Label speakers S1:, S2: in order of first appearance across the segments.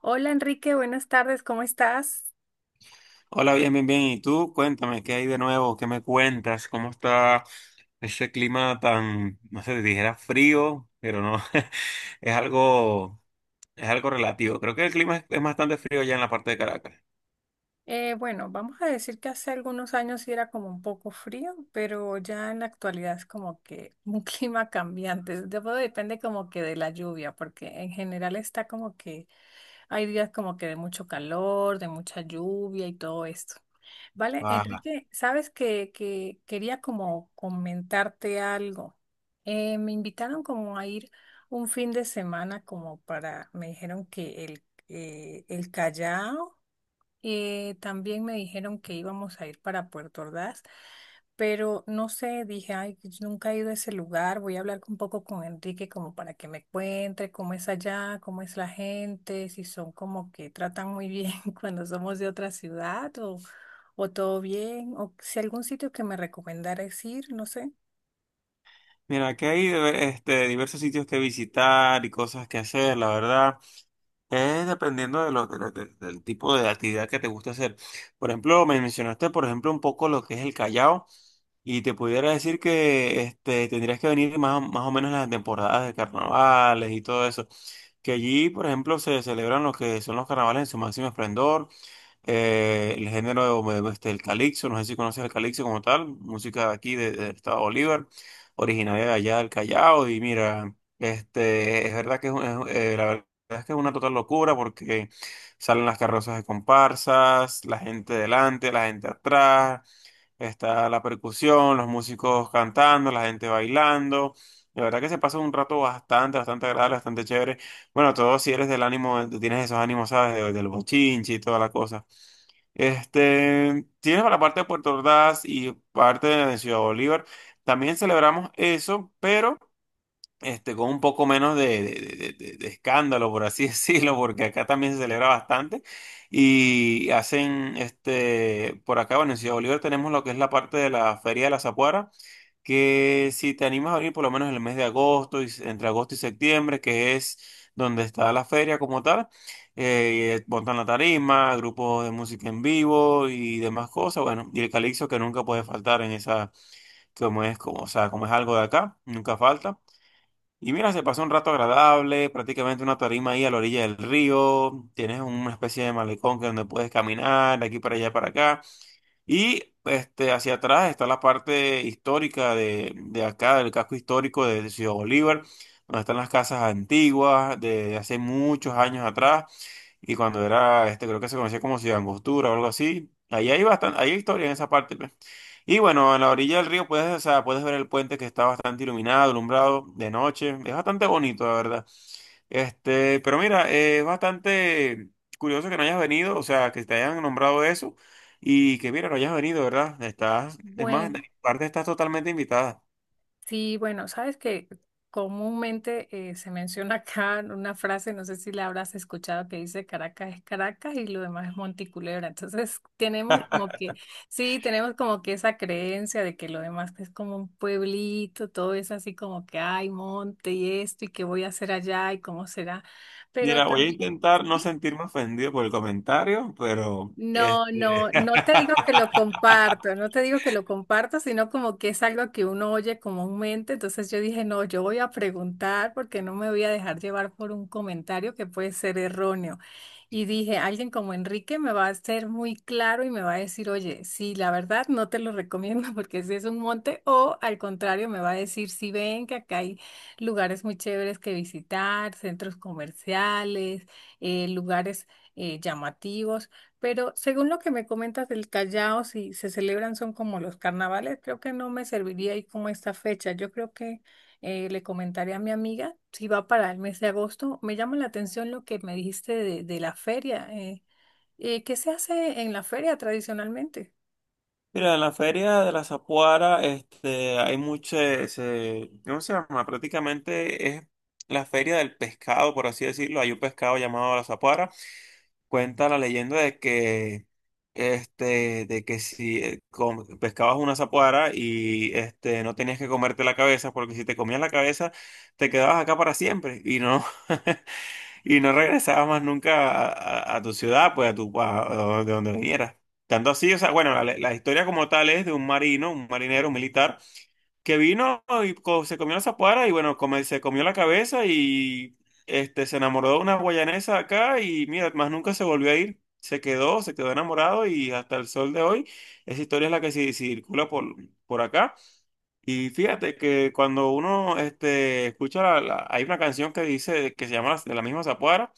S1: Hola Enrique, buenas tardes, ¿cómo estás?
S2: Hola, bien, bien, bien. ¿Y tú? Cuéntame, ¿qué hay de nuevo? ¿Qué me cuentas? ¿Cómo está ese clima tan, no sé, dijera frío, pero no, es algo, es algo relativo. Creo que el clima es bastante frío ya en la parte de Caracas.
S1: Bueno, vamos a decir que hace algunos años sí era como un poco frío, pero ya en la actualidad es como que un clima cambiante. Debo- depende como que de la lluvia, porque en general está como que hay días como que de mucho calor, de mucha lluvia y todo esto. Vale,
S2: Ajá.
S1: Enrique, sabes que quería como comentarte algo. Me invitaron como a ir un fin de semana como para, me dijeron que el Callao, también me dijeron que íbamos a ir para Puerto Ordaz, pero no sé, dije, ay, yo nunca he ido a ese lugar, voy a hablar un poco con Enrique como para que me cuente cómo es allá, cómo es la gente, si son como que tratan muy bien cuando somos de otra ciudad o todo bien, o si algún sitio que me recomendaras ir, no sé.
S2: Mira, aquí hay diversos sitios que visitar y cosas que hacer, la verdad. Es dependiendo de del tipo de actividad que te gusta hacer. Por ejemplo, me mencionaste, por ejemplo, un poco lo que es el Callao. Y te pudiera decir que tendrías que venir más o menos en las temporadas de carnavales y todo eso. Que allí, por ejemplo, se celebran lo que son los carnavales en su máximo esplendor. El género, el calixto, no sé si conoces el calixto como tal, música de aquí del estado Bolívar, originaria de allá del Callao. Y mira, es verdad que la verdad es que es una total locura porque salen las carrozas de comparsas, la gente delante, la gente atrás. Está la percusión, los músicos cantando, la gente bailando. De verdad que se pasa un rato bastante, bastante agradable, bastante chévere. Bueno, todo si eres del ánimo, tienes esos ánimos, ¿sabes? Del bochinche y toda la cosa. Tienes para la parte de Puerto Ordaz y parte de Ciudad Bolívar. También celebramos eso, pero con un poco menos de escándalo, por así decirlo, porque acá también se celebra bastante. Y hacen, por acá, bueno, en Ciudad Bolívar tenemos lo que es la parte de la Feria de la Zapuara, que si te animas a venir por lo menos en el mes de agosto, entre agosto y septiembre, que es donde está la feria como tal. Montan la tarima, grupos de música en vivo y demás cosas, bueno, y el calixto que nunca puede faltar en esa, o sea, como es algo de acá, nunca falta. Y mira, se pasó un rato agradable, prácticamente una tarima ahí a la orilla del río, tienes una especie de malecón que donde puedes caminar de aquí para allá para acá. Y hacia atrás está la parte histórica de acá, del casco histórico de Ciudad Bolívar, donde están las casas antiguas de hace muchos años atrás, y cuando era, creo que se conocía como Ciudad Angostura o algo así. Ahí hay bastante, ahí hay historia en esa parte, pues. Y bueno, en la orilla del río puedes, o sea, puedes ver el puente que está bastante iluminado, alumbrado de noche. Es bastante bonito, la verdad. Pero mira, es bastante curioso que no hayas venido, o sea, que te hayan nombrado eso y que mira, no hayas venido, ¿verdad? Estás, es más, de
S1: Bueno,
S2: mi parte estás totalmente invitada.
S1: sí, bueno, sabes que comúnmente se menciona acá una frase, no sé si la habrás escuchado, que dice Caracas es Caracas y lo demás es Monte y Culebra. Entonces tenemos como que, sí, tenemos como que esa creencia de que lo demás es como un pueblito, todo es así como que hay monte y esto y qué voy a hacer allá y cómo será. Pero
S2: Mira, voy a
S1: también...
S2: intentar no
S1: sí.
S2: sentirme ofendido por el comentario, pero
S1: No, no, no te digo que lo comparto, no te digo que lo comparto, sino como que es algo que uno oye comúnmente. Entonces yo dije, no, yo voy a preguntar porque no me voy a dejar llevar por un comentario que puede ser erróneo. Y dije, alguien como Enrique me va a ser muy claro y me va a decir, oye, sí, la verdad no te lo recomiendo porque si es un monte, o al contrario, me va a decir, sí, ven que acá hay lugares muy chéveres que visitar, centros comerciales, lugares llamativos. Pero según lo que me comentas del Callao, si se celebran son como los carnavales, creo que no me serviría ahí como esta fecha. Yo creo que le comentaré a mi amiga si va para el mes de agosto. Me llama la atención lo que me dijiste de la feria. ¿Qué se hace en la feria tradicionalmente?
S2: Mira, en la feria de la Zapuara, hay mucho, ¿cómo se llama? Prácticamente es la feria del pescado, por así decirlo. Hay un pescado llamado la Zapuara. Cuenta la leyenda de que, de que si pescabas una zapuara y, no tenías que comerte la cabeza, porque si te comías la cabeza, te quedabas acá para siempre. Y no, y no regresabas más nunca a, a tu ciudad, pues a tu a donde, de donde vinieras. Tanto así, o sea, bueno, la historia como tal es de un marino, un marinero, un militar, que vino y se comió la zapuara y bueno, se comió la cabeza y se enamoró de una guayanesa acá y mira, más nunca se volvió a ir. Se quedó enamorado y hasta el sol de hoy, esa historia es la que circula por acá. Y fíjate que cuando uno escucha, hay una canción que dice, que se llama de la misma zapuara.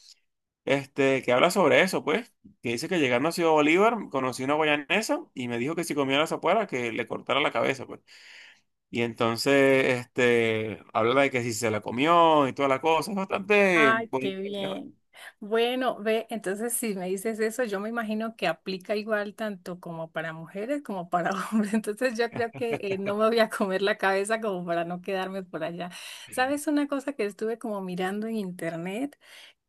S2: Que habla sobre eso, pues, que dice que llegando a Ciudad Bolívar conocí una guayanesa y me dijo que si comía la zapuera que le cortara la cabeza, pues. Y entonces, habla de que si se la comió y toda la cosa, es bastante,
S1: Ay,
S2: pues.
S1: qué bien. Bueno, ve, entonces si me dices eso, yo me imagino que aplica igual tanto como para mujeres como para hombres. Entonces yo creo que no me voy a comer la cabeza como para no quedarme por allá. ¿Sabes una cosa que estuve como mirando en internet?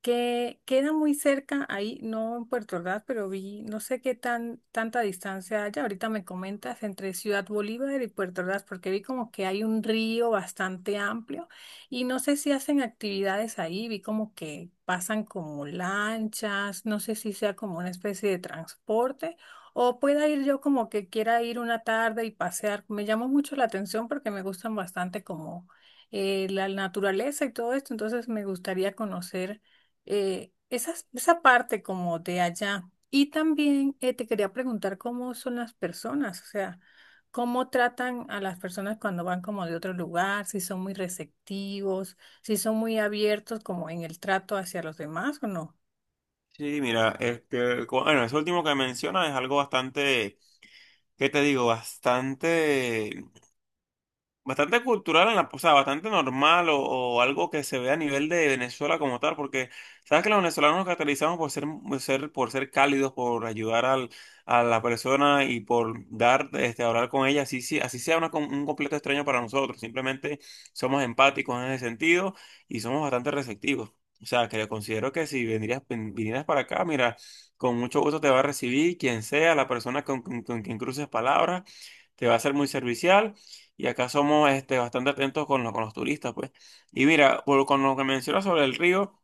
S1: Que queda muy cerca ahí, no en Puerto Ordaz, pero vi, no sé qué tan tanta distancia haya. Ahorita me comentas entre Ciudad Bolívar y Puerto Ordaz, porque vi como que hay un río bastante amplio y no sé si hacen actividades ahí, vi como que pasan como lanchas, no sé si sea como una especie de transporte o pueda ir yo como que quiera ir una tarde y pasear. Me llamó mucho la atención porque me gustan bastante como la naturaleza y todo esto, entonces me gustaría conocer esa parte como de allá. Y también te quería preguntar cómo son las personas, o sea, cómo tratan a las personas cuando van como de otro lugar, si son muy receptivos, si son muy abiertos como en el trato hacia los demás o no.
S2: Sí, mira, bueno, eso último que menciona es algo bastante, ¿qué te digo? Bastante cultural, en la, o sea, bastante normal o algo que se ve a nivel de Venezuela como tal, porque sabes que los venezolanos nos caracterizamos por ser, por ser cálidos, por ayudar al, a la persona y por dar, hablar con ella, así, así sea una un completo extraño para nosotros, simplemente somos empáticos en ese sentido y somos bastante receptivos. O sea, que yo considero que si vendrías, vinieras para acá, mira, con mucho gusto te va a recibir quien sea, la persona con, con quien cruces palabras te va a ser muy servicial y acá somos bastante atentos con, con los turistas, pues. Y mira, con lo que mencionas sobre el río,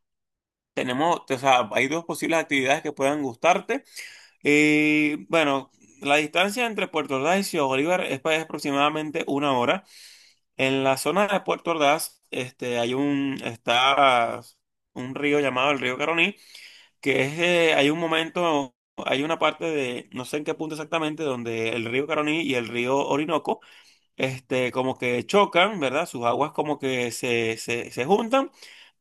S2: tenemos, o sea, hay dos posibles actividades que puedan gustarte. Eh, bueno, la distancia entre Puerto Ordaz y Ciudad Bolívar es, pues, aproximadamente una hora. En la zona de Puerto Ordaz, hay un, está un río llamado el río Caroní, que es, hay un momento. Hay una parte de, no sé en qué punto exactamente, donde el río Caroní y el río Orinoco como que chocan, ¿verdad? Sus aguas como que se juntan,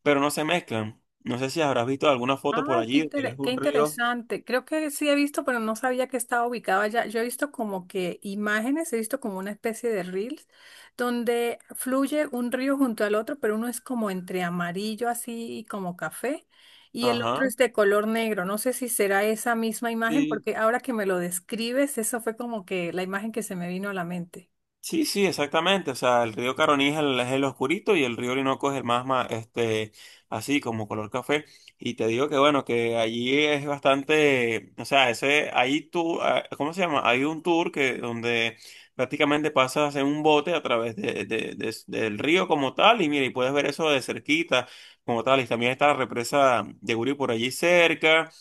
S2: pero no se mezclan. No sé si habrás visto alguna foto por
S1: Ay, qué,
S2: allí,
S1: intere-
S2: es
S1: qué
S2: un río.
S1: interesante. Creo que sí he visto, pero no sabía que estaba ubicado allá. Yo he visto como que imágenes, he visto como una especie de reels donde fluye un río junto al otro, pero uno es como entre amarillo así y como café y el otro
S2: Ajá.
S1: es de color negro. No sé si será esa misma imagen,
S2: Sí,
S1: porque ahora que me lo describes, eso fue como que la imagen que se me vino a la mente.
S2: sí, sí, exactamente. O sea, el río Caroní es el oscurito y el río Orinoco es el más, así como color café. Y te digo que bueno, que allí es bastante, o sea, ese, ahí tú, ah, ¿cómo se llama? Hay un tour que donde prácticamente pasas en un bote a través del río como tal y mira, y puedes ver eso de cerquita como tal. Y también está la represa de Guri por allí cerca.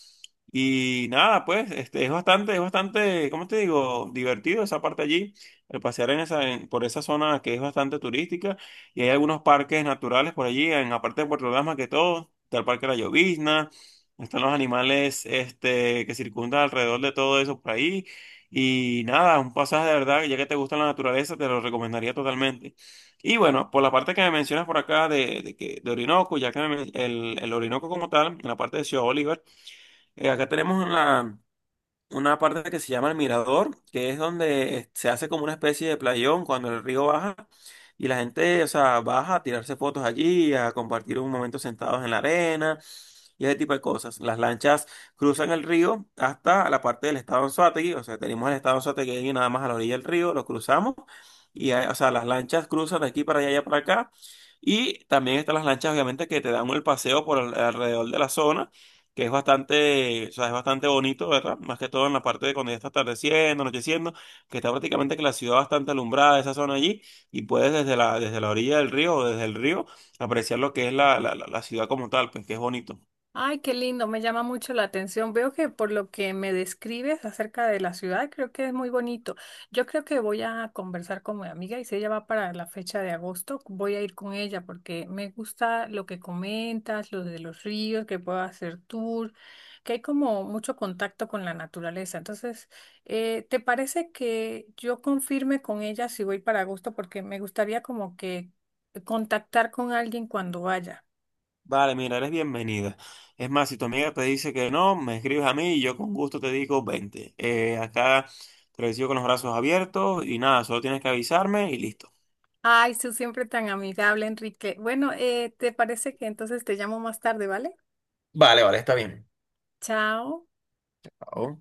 S2: Y nada, pues, es bastante, ¿cómo te digo? Divertido esa parte allí, el pasear en esa, por esa zona que es bastante turística y hay algunos parques naturales por allí, en la parte de Puerto Ordaz más que todo, está el Parque La Llovizna, están los animales, que circundan alrededor de todo eso por ahí y nada, un pasaje de verdad, ya que te gusta la naturaleza, te lo recomendaría totalmente. Y bueno, por la parte que me mencionas por acá de Orinoco, ya que el Orinoco como tal, en la parte de Ciudad Bolívar, acá tenemos una parte que se llama el mirador, que es donde se hace como una especie de playón cuando el río baja y la gente, o sea, baja a tirarse fotos allí, a compartir un momento sentados en la arena y ese tipo de cosas. Las lanchas cruzan el río hasta la parte del estado Anzoátegui, o sea, tenemos el estado Anzoátegui ahí nada más a la orilla del río, lo cruzamos y, o sea, las lanchas cruzan de aquí para allá, y allá para acá. Y también están las lanchas, obviamente, que te dan el paseo por alrededor de la zona que es bastante, o sea, es bastante bonito, ¿verdad? Más que todo en la parte de cuando ya está atardeciendo, anocheciendo, que está prácticamente que la ciudad bastante alumbrada, esa zona allí, y puedes desde la orilla del río o desde el río apreciar lo que es la ciudad como tal, pues que es bonito.
S1: Ay, qué lindo, me llama mucho la atención. Veo que por lo que me describes acerca de la ciudad, creo que es muy bonito. Yo creo que voy a conversar con mi amiga y si ella va para la fecha de agosto, voy a ir con ella porque me gusta lo que comentas, lo de los ríos, que puedo hacer tour, que hay como mucho contacto con la naturaleza. Entonces, ¿te parece que yo confirme con ella si voy para agosto? Porque me gustaría como que contactar con alguien cuando vaya.
S2: Vale, mira, eres bienvenida. Es más, si tu amiga te dice que no, me escribes a mí y yo con gusto te digo, vente. Acá te recibo con los brazos abiertos y nada, solo tienes que avisarme y listo.
S1: Ay, tú siempre tan amigable, Enrique. Bueno, ¿te parece que entonces te llamo más tarde, ¿vale?
S2: Vale, vale, está bien.
S1: Chao.
S2: Chao.